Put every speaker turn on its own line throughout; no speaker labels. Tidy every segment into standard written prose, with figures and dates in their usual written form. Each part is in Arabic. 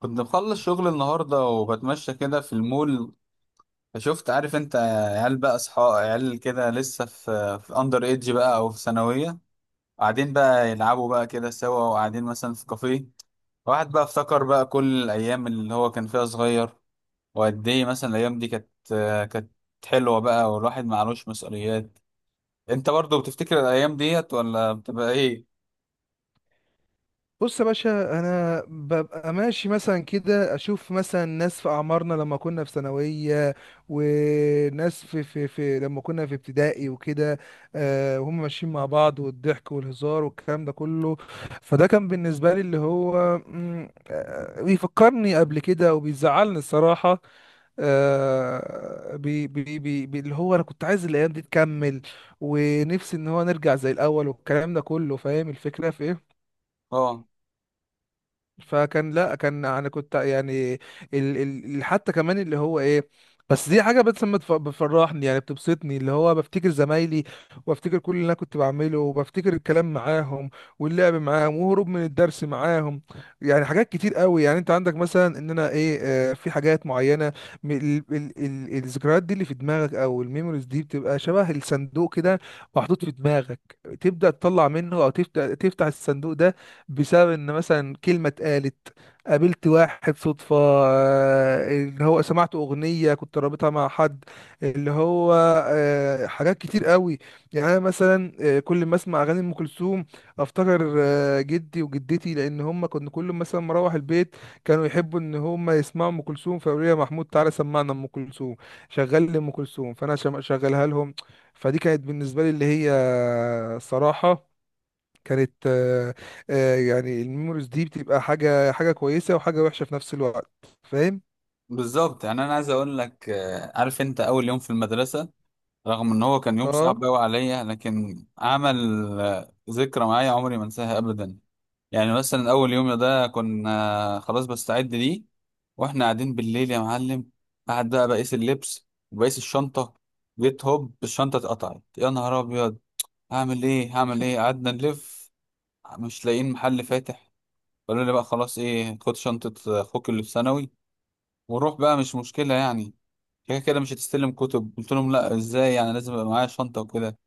كنت مخلص شغل النهاردة وبتمشى كده في المول، فشفت، عارف انت، عيال بقى، اصحاب عيال كده، لسه في اندر ايدج بقى او في ثانوية، قاعدين بقى يلعبوا بقى كده سوا، وقاعدين مثلا في كافيه. واحد بقى افتكر بقى كل الايام اللي هو كان فيها صغير، وقد ايه مثلا الايام دي كانت حلوة بقى، والواحد معلوش مسؤوليات. انت برضو بتفتكر الايام ديت ولا بتبقى ايه؟
بص يا باشا، انا ببقى ماشي مثلا كده، اشوف مثلا ناس في اعمارنا لما كنا في ثانويه، وناس في لما كنا في ابتدائي وكده، وهم ماشيين مع بعض، والضحك والهزار والكلام ده كله. فده كان بالنسبه لي اللي هو بيفكرني قبل كده، وبيزعلني الصراحه. اللي هو انا كنت عايز الايام دي تكمل، ونفسي ان هو نرجع زي الاول والكلام ده كله. فاهم الفكره في ايه؟
اه.
فكان لا كان انا كنت يعني ال ال حتى كمان اللي هو ايه، بس دي حاجه، بس ما تف- بتفرحني، يعني بتبسطني، اللي هو بفتكر زمايلي، وبفتكر كل اللي انا كنت بعمله، وبفتكر الكلام معاهم، واللعب معاهم، وهروب من الدرس معاهم، يعني حاجات كتير قوي. يعني انت عندك مثلا ان انا ايه، في حاجات معينه، ال الذكريات دي اللي في دماغك، او الميموريز دي بتبقى شبه الصندوق كده، محطوط في دماغك، تبدا تطلع منه، او تفتح الصندوق ده، بسبب ان مثلا كلمه اتقالت، قابلت واحد صدفه، اللي هو سمعت اغنيه كنت رابطها مع حد، اللي هو حاجات كتير قوي. يعني انا مثلا كل ما اسمع اغاني ام كلثوم، افتكر جدي وجدتي، لان هم كنا كل ما مثلا مروح البيت كانوا يحبوا ان هم يسمعوا ام كلثوم، فيقولوا لي يا محمود تعالى سمعنا ام كلثوم، شغل لي ام كلثوم، فانا شغلها لهم. فدي كانت بالنسبه لي اللي هي الصراحه كانت يعني الميموريز دي بتبقى حاجة، حاجة كويسة وحاجة وحشة في نفس الوقت. فاهم.
بالظبط، يعني انا عايز اقول لك، عارف انت اول يوم في المدرسة، رغم ان هو كان يوم صعب
اه.
قوي عليا، لكن عمل ذكرى معايا عمري ما انساها ابدا. يعني مثلا اول يوم ده كنا خلاص بستعد ليه، واحنا قاعدين بالليل يا معلم، قعد بقى بقيس اللبس وبقيس الشنطه، جيت هوب الشنطه اتقطعت، يا نهار ابيض. هعمل ايه هعمل ايه؟ قعدنا نلف، مش لاقيين محل فاتح. قالوا لي بقى: خلاص، ايه، خد شنطه اخوك اللي في ثانوي وروح بقى، مش مشكله يعني، كده كده مش هتستلم كتب. قلت لهم: لا، ازاي يعني، لازم يبقى معايا شنطه وكده.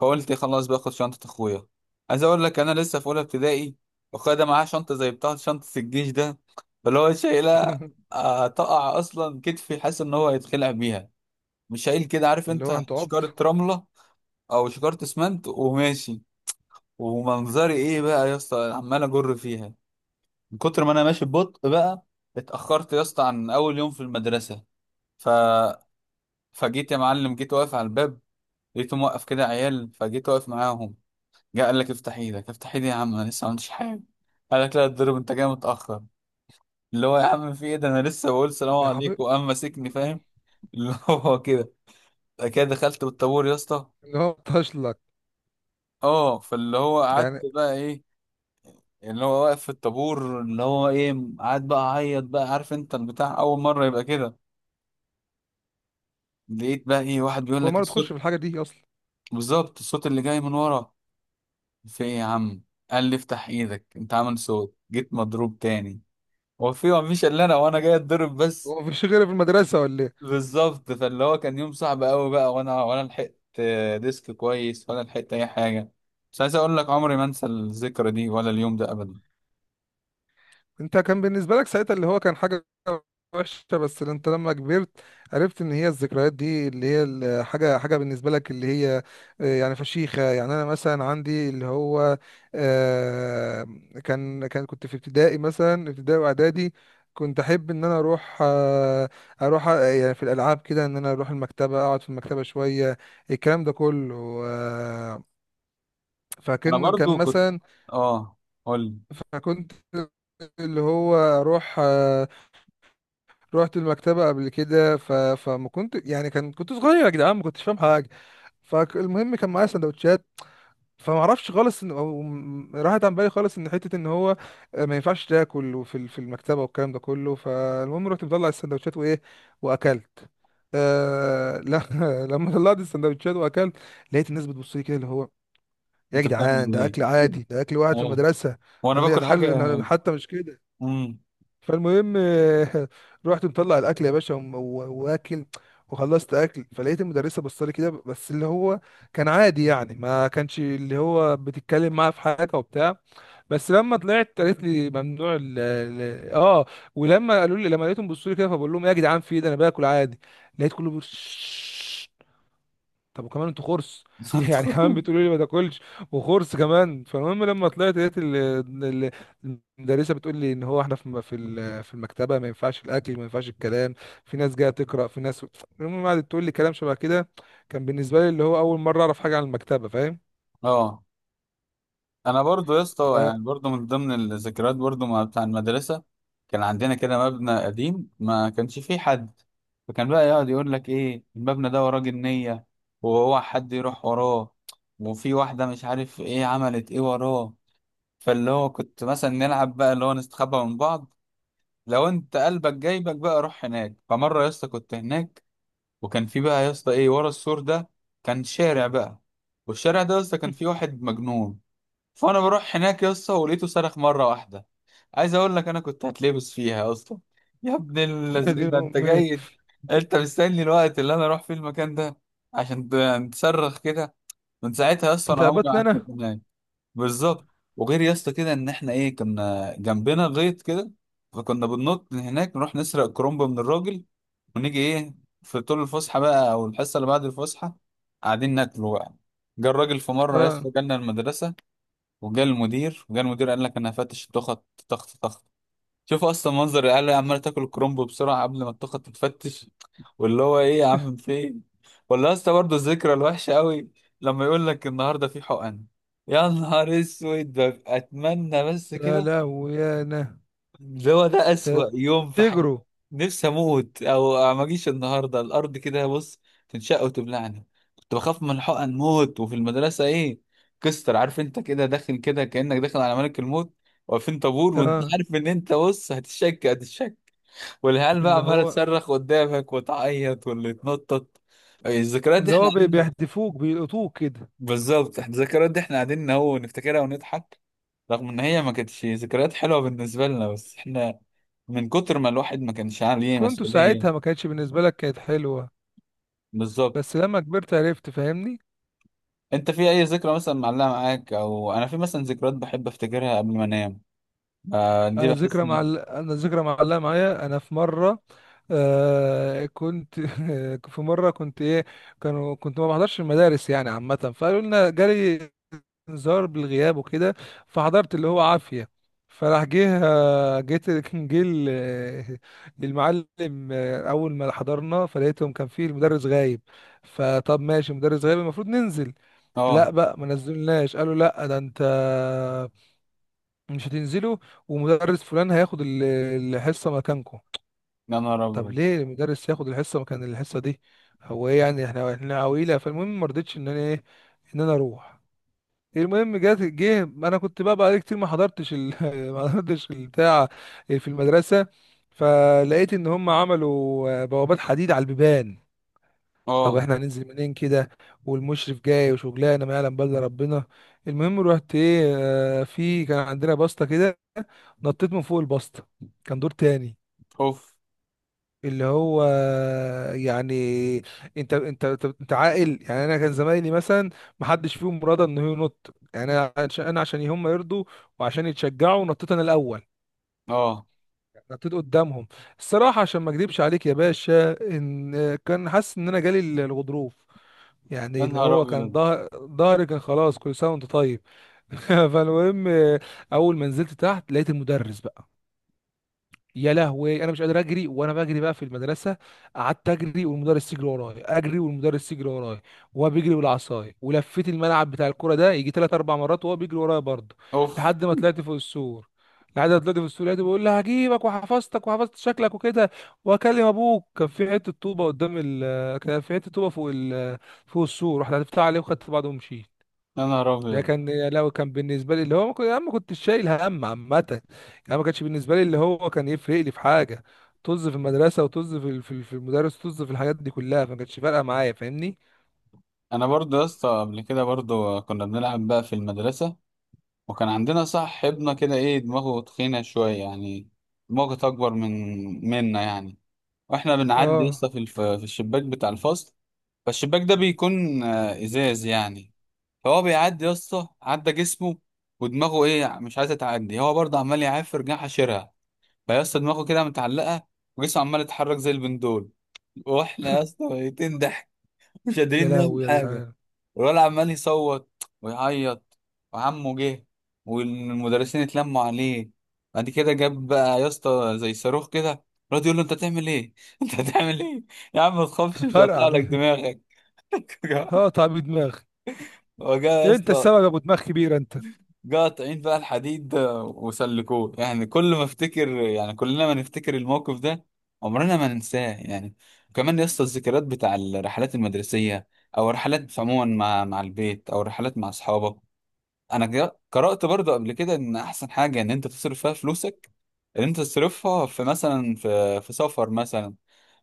فقلت خلاص، باخد شنطة اخويا. عايز اقول لك، انا لسه في اولى ابتدائي، واخويا ده معاه شنطة زي بتاعة شنطة الجيش ده، فاللي هو شايلها، تقع اصلا، كتفي حاسس ان هو هيتخلع بيها، مش شايل، كده عارف
اللي هو
انت،
انت عبط.
شكارة رملة او شكارة اسمنت وماشي. ومنظري ايه بقى يا اسطى، عمال اجر فيها من كتر ما انا ماشي ببطء بقى، اتأخرت يا اسطى عن اول يوم في المدرسة. ف... فجيت يا معلم، جيت واقف على الباب، لقيته موقف كده عيال، فجيت واقف معاهم. جه قال لك: افتح ايدك. افتح ايدي يا عم، انا لسه ما عملتش حاجه. قال لك: لا تضرب، انت جاي متاخر. اللي هو، يا عم في ايه ده، انا لسه بقول سلام
يا حبيبي.
عليكم وقام ماسكني، فاهم؟ اللي هو كده، كده دخلت بالطابور يا اسطى.
اللي هو طاش لك
اه، فاللي هو قعدت
يعني.
بقى ايه، اللي هو واقف في الطابور اللي هو ايه، قعد بقى اعيط بقى، عارف انت البتاع اول مره يبقى كده. لقيت بقى ايه واحد بيقول
هو
لك:
مرة تخش
الصوت.
في الحاجة دي اصلا؟
بالظبط، الصوت اللي جاي من ورا. في ايه يا عم؟ قال لي: افتح ايدك، انت عامل صوت. جيت مضروب تاني، هو في مفيش الا انا وانا جاي اتضرب بس؟
هو مفيش غيرها في المدرسة ولا إيه؟
بالظبط، فاللي هو كان يوم صعب قوي بقى، وانا لحقت ديسك كويس ولا لحقت اي حاجه، مش عايز اقول لك عمري ما انسى الذكرى دي ولا اليوم ده ابدا.
انت كان بالنسبة لك ساعتها اللي هو كان حاجة وحشة، بس اللي انت لما كبرت عرفت ان هي الذكريات دي اللي هي الحاجة، حاجة بالنسبة لك اللي هي يعني فشيخة. يعني انا مثلا عندي اللي هو آه، كان كنت في ابتدائي، مثلا ابتدائي واعدادي، كنت احب ان انا اروح اروح يعني في الالعاب كده، ان انا اروح المكتبة، اقعد في المكتبة شوية، الكلام ده كله. آه،
انا
فكان
برضو كنت.
مثلا،
اه. قول لي.
فكنت اللي هو اروح رحت المكتبة قبل كده، فما كنت يعني، كان كنت صغير يا جدعان، ما كنتش فاهم حاجة. فالمهم كان معايا سندوتشات، فما اعرفش خالص ان راحت عن بالي خالص ان حته ان هو ما ينفعش تاكل في المكتبه والكلام ده كله. فالمهم رحت مطلع السندوتشات وايه، واكلت. آه لا. لما طلعت السندوتشات واكلت، لقيت الناس بتبص لي كده، اللي هو يا
انت
جدعان
بتعمل
ده
ايه؟
اكل عادي، ده اكل واحد في
اه.
المدرسه.
وانا
قال لي
باكل
انا
حاجه.
أنا حتى مش كده.
امم.
فالمهم رحت مطلع الاكل يا باشا، واكل، وخلصت اكل، فلقيت المدرسه بصلي كده بس، اللي هو كان عادي يعني، ما كانش اللي هو بتتكلم معاه في حاجه وبتاع. بس لما طلعت قالت لي ممنوع اه. ولما قالوا لي، لما لقيتهم بيبصوا لي كده، فبقول لهم إيه يا جدعان؟ في إيه ده؟ انا باكل عادي. لقيت كله بيقول طب وكمان انتوا خرس؟
انت.
يعني كمان بتقولوا لي ما تاكلش وخرس كمان؟ فالمهم لما طلعت لقيت ال- المدرسه بتقول لي ان هو احنا في في المكتبه ما ينفعش الاكل، ما ينفعش الكلام، في ناس جايه تقرا، في ناس. المهم قعدت تقول لي كلام شبه كده. كان بالنسبه لي اللي هو اول مره اعرف حاجه عن المكتبه. فاهم.
اه. انا برضو يا
ف
اسطى، يعني برضو من ضمن الذكريات برضو مع بتاع المدرسه، كان عندنا كده مبنى قديم ما كانش فيه حد، فكان بقى يقعد يقول لك: ايه المبنى ده وراه جنيه، وهو حد يروح وراه، وفي واحده مش عارف ايه عملت ايه وراه. فاللي هو كنت مثلا نلعب بقى اللي هو نستخبى من بعض، لو انت قلبك جايبك بقى روح هناك. فمره يا اسطى كنت هناك، وكان في بقى يا اسطى ايه ورا السور ده، كان شارع بقى، والشارع ده يا اسطى كان فيه واحد مجنون. فانا بروح هناك يا اسطى، ولقيته صرخ مره واحده. عايز اقول لك انا كنت هتلبس فيها يا اسطى. يا ابن
يا دين
اللذينه، انت
امي.
جاي، انت مستني الوقت اللي انا اروح فيه المكان ده عشان تصرخ كده؟ من ساعتها يا اسطى انا عمري ما
تتعبتنا
قعدت
انا.
هناك. بالظبط. وغير يا اسطى كده ان احنا ايه، كنا جنبنا غيط كده، فكنا بننط من هناك نروح نسرق كرومب من الراجل ونيجي ايه، في طول الفسحه بقى او الحصه اللي بعد الفسحه، قاعدين ناكله بقى. جه الراجل في مره يا
اه.
اسطى، جالنا المدرسه، وجا المدير، وجا المدير قال لك: انا هفتش التخت، تخت تخت. شوف اصلا منظر العيال عماله تاكل الكرنب بسرعه قبل ما التخت تتفتش. واللي هو ايه يا عم فين. ولا اصلا برضه الذكرى الوحشه قوي، لما يقول لك: النهارده في حقن. يا نهار اسود، ببقى اتمنى بس
يا
كده،
لهوي يا انا.
اللي هو ده أسوأ
كنتوا
يوم في حياتي.
بتجروا؟
نفسي أموت أو ما أجيش النهاردة، الأرض كده بص تنشق وتبلعني. كنت بخاف من الحقن موت، وفي المدرسة إيه، كستر، عارف أنت كده داخل كده كأنك داخل على ملك الموت، واقفين طابور وأنت
اه.
عارف إن أنت بص هتشك هتشك، والعيال بقى
اللي
عمالة
هو،
تصرخ قدامك وتعيط واللي يتنطط. الذكريات دي إحنا قاعدين.
بيحدفوك بيلقطوك كده.
بالظبط، إحنا الذكريات دي إحنا قاعدين أهو نفتكرها ونضحك، رغم ان هي ما كانتش ذكريات حلوه بالنسبه لنا، بس احنا من كتر ما الواحد ما كانش عليه
كنت
مسؤوليه.
ساعتها ما كانتش بالنسبة لك، كانت حلوة
بالظبط.
بس لما كبرت عرفت. فاهمني.
انت في اي ذكرى مثلا معلقه معاك؟ او انا في مثلا ذكريات بحب افتكرها قبل ما انام، آه دي بحس ان.
انا ذكرى معلقة معايا، انا في مرة آه كنت في مرة كنت ايه، كانوا كنت ما بحضرش المدارس يعني عامة، فقالوا لنا جالي انذار بالغياب وكده. فحضرت اللي هو عافية. فراح جه جيت كان جه المعلم. اول ما حضرنا فلقيتهم كان فيه المدرس غايب. فطب ماشي، مدرس غايب المفروض ننزل. لا
اه.
بقى ما نزلناش، قالوا لا ده انت مش هتنزلوا، ومدرس فلان هياخد الحصه مكانكم.
يا نهار
طب
ابيض.
ليه المدرس ياخد الحصه مكان الحصه دي؟ هو ايه يعني، احنا عويله؟ فالمهم ما رضيتش ان انا ايه، ان انا اروح. المهم جات، جه انا كنت بقى بقالي كتير ما حضرتش ما حضرتش البتاع في المدرسه. فلقيت ان هم عملوا بوابات حديد على البيبان. طب
اه.
احنا هننزل منين كده، والمشرف جاي وشغلانه ما يعلم بل ربنا. المهم رحت ايه، في كان عندنا بسطه كده، نطيت من فوق البسطه، كان دور تاني.
اوف.
اللي هو يعني، انت عاقل يعني، انا كان زمايلي مثلا ما حدش فيهم راضى انه ينط، يعني انا عشان، انا عشان هم يرضوا وعشان يتشجعوا نطيت انا الاول،
اه.
نطيت قدامهم. الصراحه، عشان ما اكذبش عليك يا باشا، ان كان حاسس ان انا جالي الغضروف، يعني
يا
اللي
نهار
هو كان
ابيض.
ظهر، ظهري كان خلاص، كل سنه وانت طيب. فالمهم اول ما نزلت تحت لقيت المدرس بقى، يا لهوي انا مش قادر اجري، وانا بجري بقى في المدرسه، قعدت اجري والمدرس يجري ورايا، اجري والمدرس يجري ورايا، وهو بيجري بالعصايه، ولفيت الملعب بتاع الكوره ده يجي ثلاث اربع مرات وهو بيجري ورايا برضه،
اوف.
لحد ما طلعت فوق السور. لحد ما طلعت فوق السور لقيته بيقول لي هجيبك، وحفظتك، وحفظت شكلك وكده، واكلم ابوك. كان في حته طوبه قدام ال، كان في حته طوبه فوق ال، فوق السور، رحت هتفتح عليه وخدت بعضه ومشيت.
يا نهار
ده
ابيض.
كان لو كان بالنسبه لي اللي هو ما كنت، انا ما كنتش شايل هم عامه يعني. أنا ما كانش بالنسبه لي اللي هو كان يفرق لي في حاجه، طز في المدرسه، وطز في في المدرس، طز في الحاجات دي كلها، فما كانتش فارقه معايا. فاهمني.
انا برضه يا اسطى قبل كده برضه كنا بنلعب بقى في المدرسه، وكان عندنا صاحبنا كده ايه دماغه تخينه شويه يعني، دماغه اكبر من منا يعني، واحنا بنعدي
اه.
لسه في في الشباك بتاع الفصل. فالشباك ده بيكون ازاز يعني، فهو بيعدي يا اسطى، عدى جسمه ودماغه ايه مش عايزه تعدي، هو برضه عمال يعافر جناح حشرها، فيا اسطى دماغه كده متعلقه وجسمه عمال يتحرك زي البندول، واحنا يا اسطى ميتين ضحك مش
يا
قادرين نعمل
لهوي يا
حاجه.
جدعان.
الولد عمال يصوت ويعيط، وعمه جه، والمدرسين اتلموا عليه. بعد كده جاب بقى يا اسطى زي صاروخ كده، الواد يقول له: انت هتعمل ايه؟ انت هتعمل ايه؟ يا عم ما تخافش مش
فرقع
هقطع لك
بيها.
دماغك.
هقطع بدماغي.
وجا يا
انت
اسطى،
السبب يا ابو دماغ كبير انت.
جا قاطعين بقى الحديد وسلكوه. يعني كل ما افتكر، يعني كلنا ما نفتكر الموقف ده، عمرنا ما ننساه يعني. وكمان يا اسطى الذكريات بتاع الرحلات المدرسية، او الرحلات عموما مع البيت، او الرحلات مع اصحابك. انا قرأت برضه قبل كده ان احسن حاجة ان انت تصرف فيها فلوسك، ان انت تصرفها في مثلا في سفر مثلا،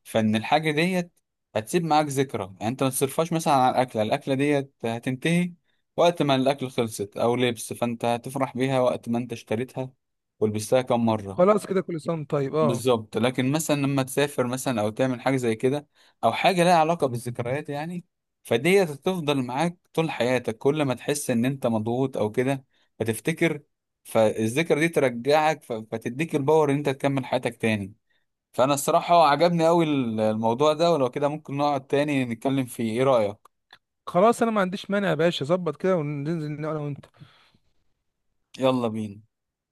فان الحاجة ديت هتسيب معاك ذكرى، يعني انت ما تصرفهاش مثلا على الاكلة، الاكلة ديت هتنتهي وقت ما الاكل خلصت، او لبس، فانت هتفرح بيها وقت ما انت اشتريتها ولبستها كم مرة.
خلاص كده، كل سنه وأنت طيب. اه.
بالظبط، لكن مثلا لما تسافر مثلا او تعمل حاجه زي كده او حاجه لها علاقه بالذكريات يعني، فدي هتفضل معاك طول حياتك. كل ما تحس ان انت مضغوط او كده فتفتكر، فالذكرى دي ترجعك، فتديك الباور ان انت تكمل حياتك تاني. فانا الصراحه عجبني قوي الموضوع ده، ولو كده ممكن نقعد تاني نتكلم فيه، ايه رايك؟
خلاص انا ما عنديش مانع يا باشا، ظبط كده وننزل انا وانت.
يلا بينا.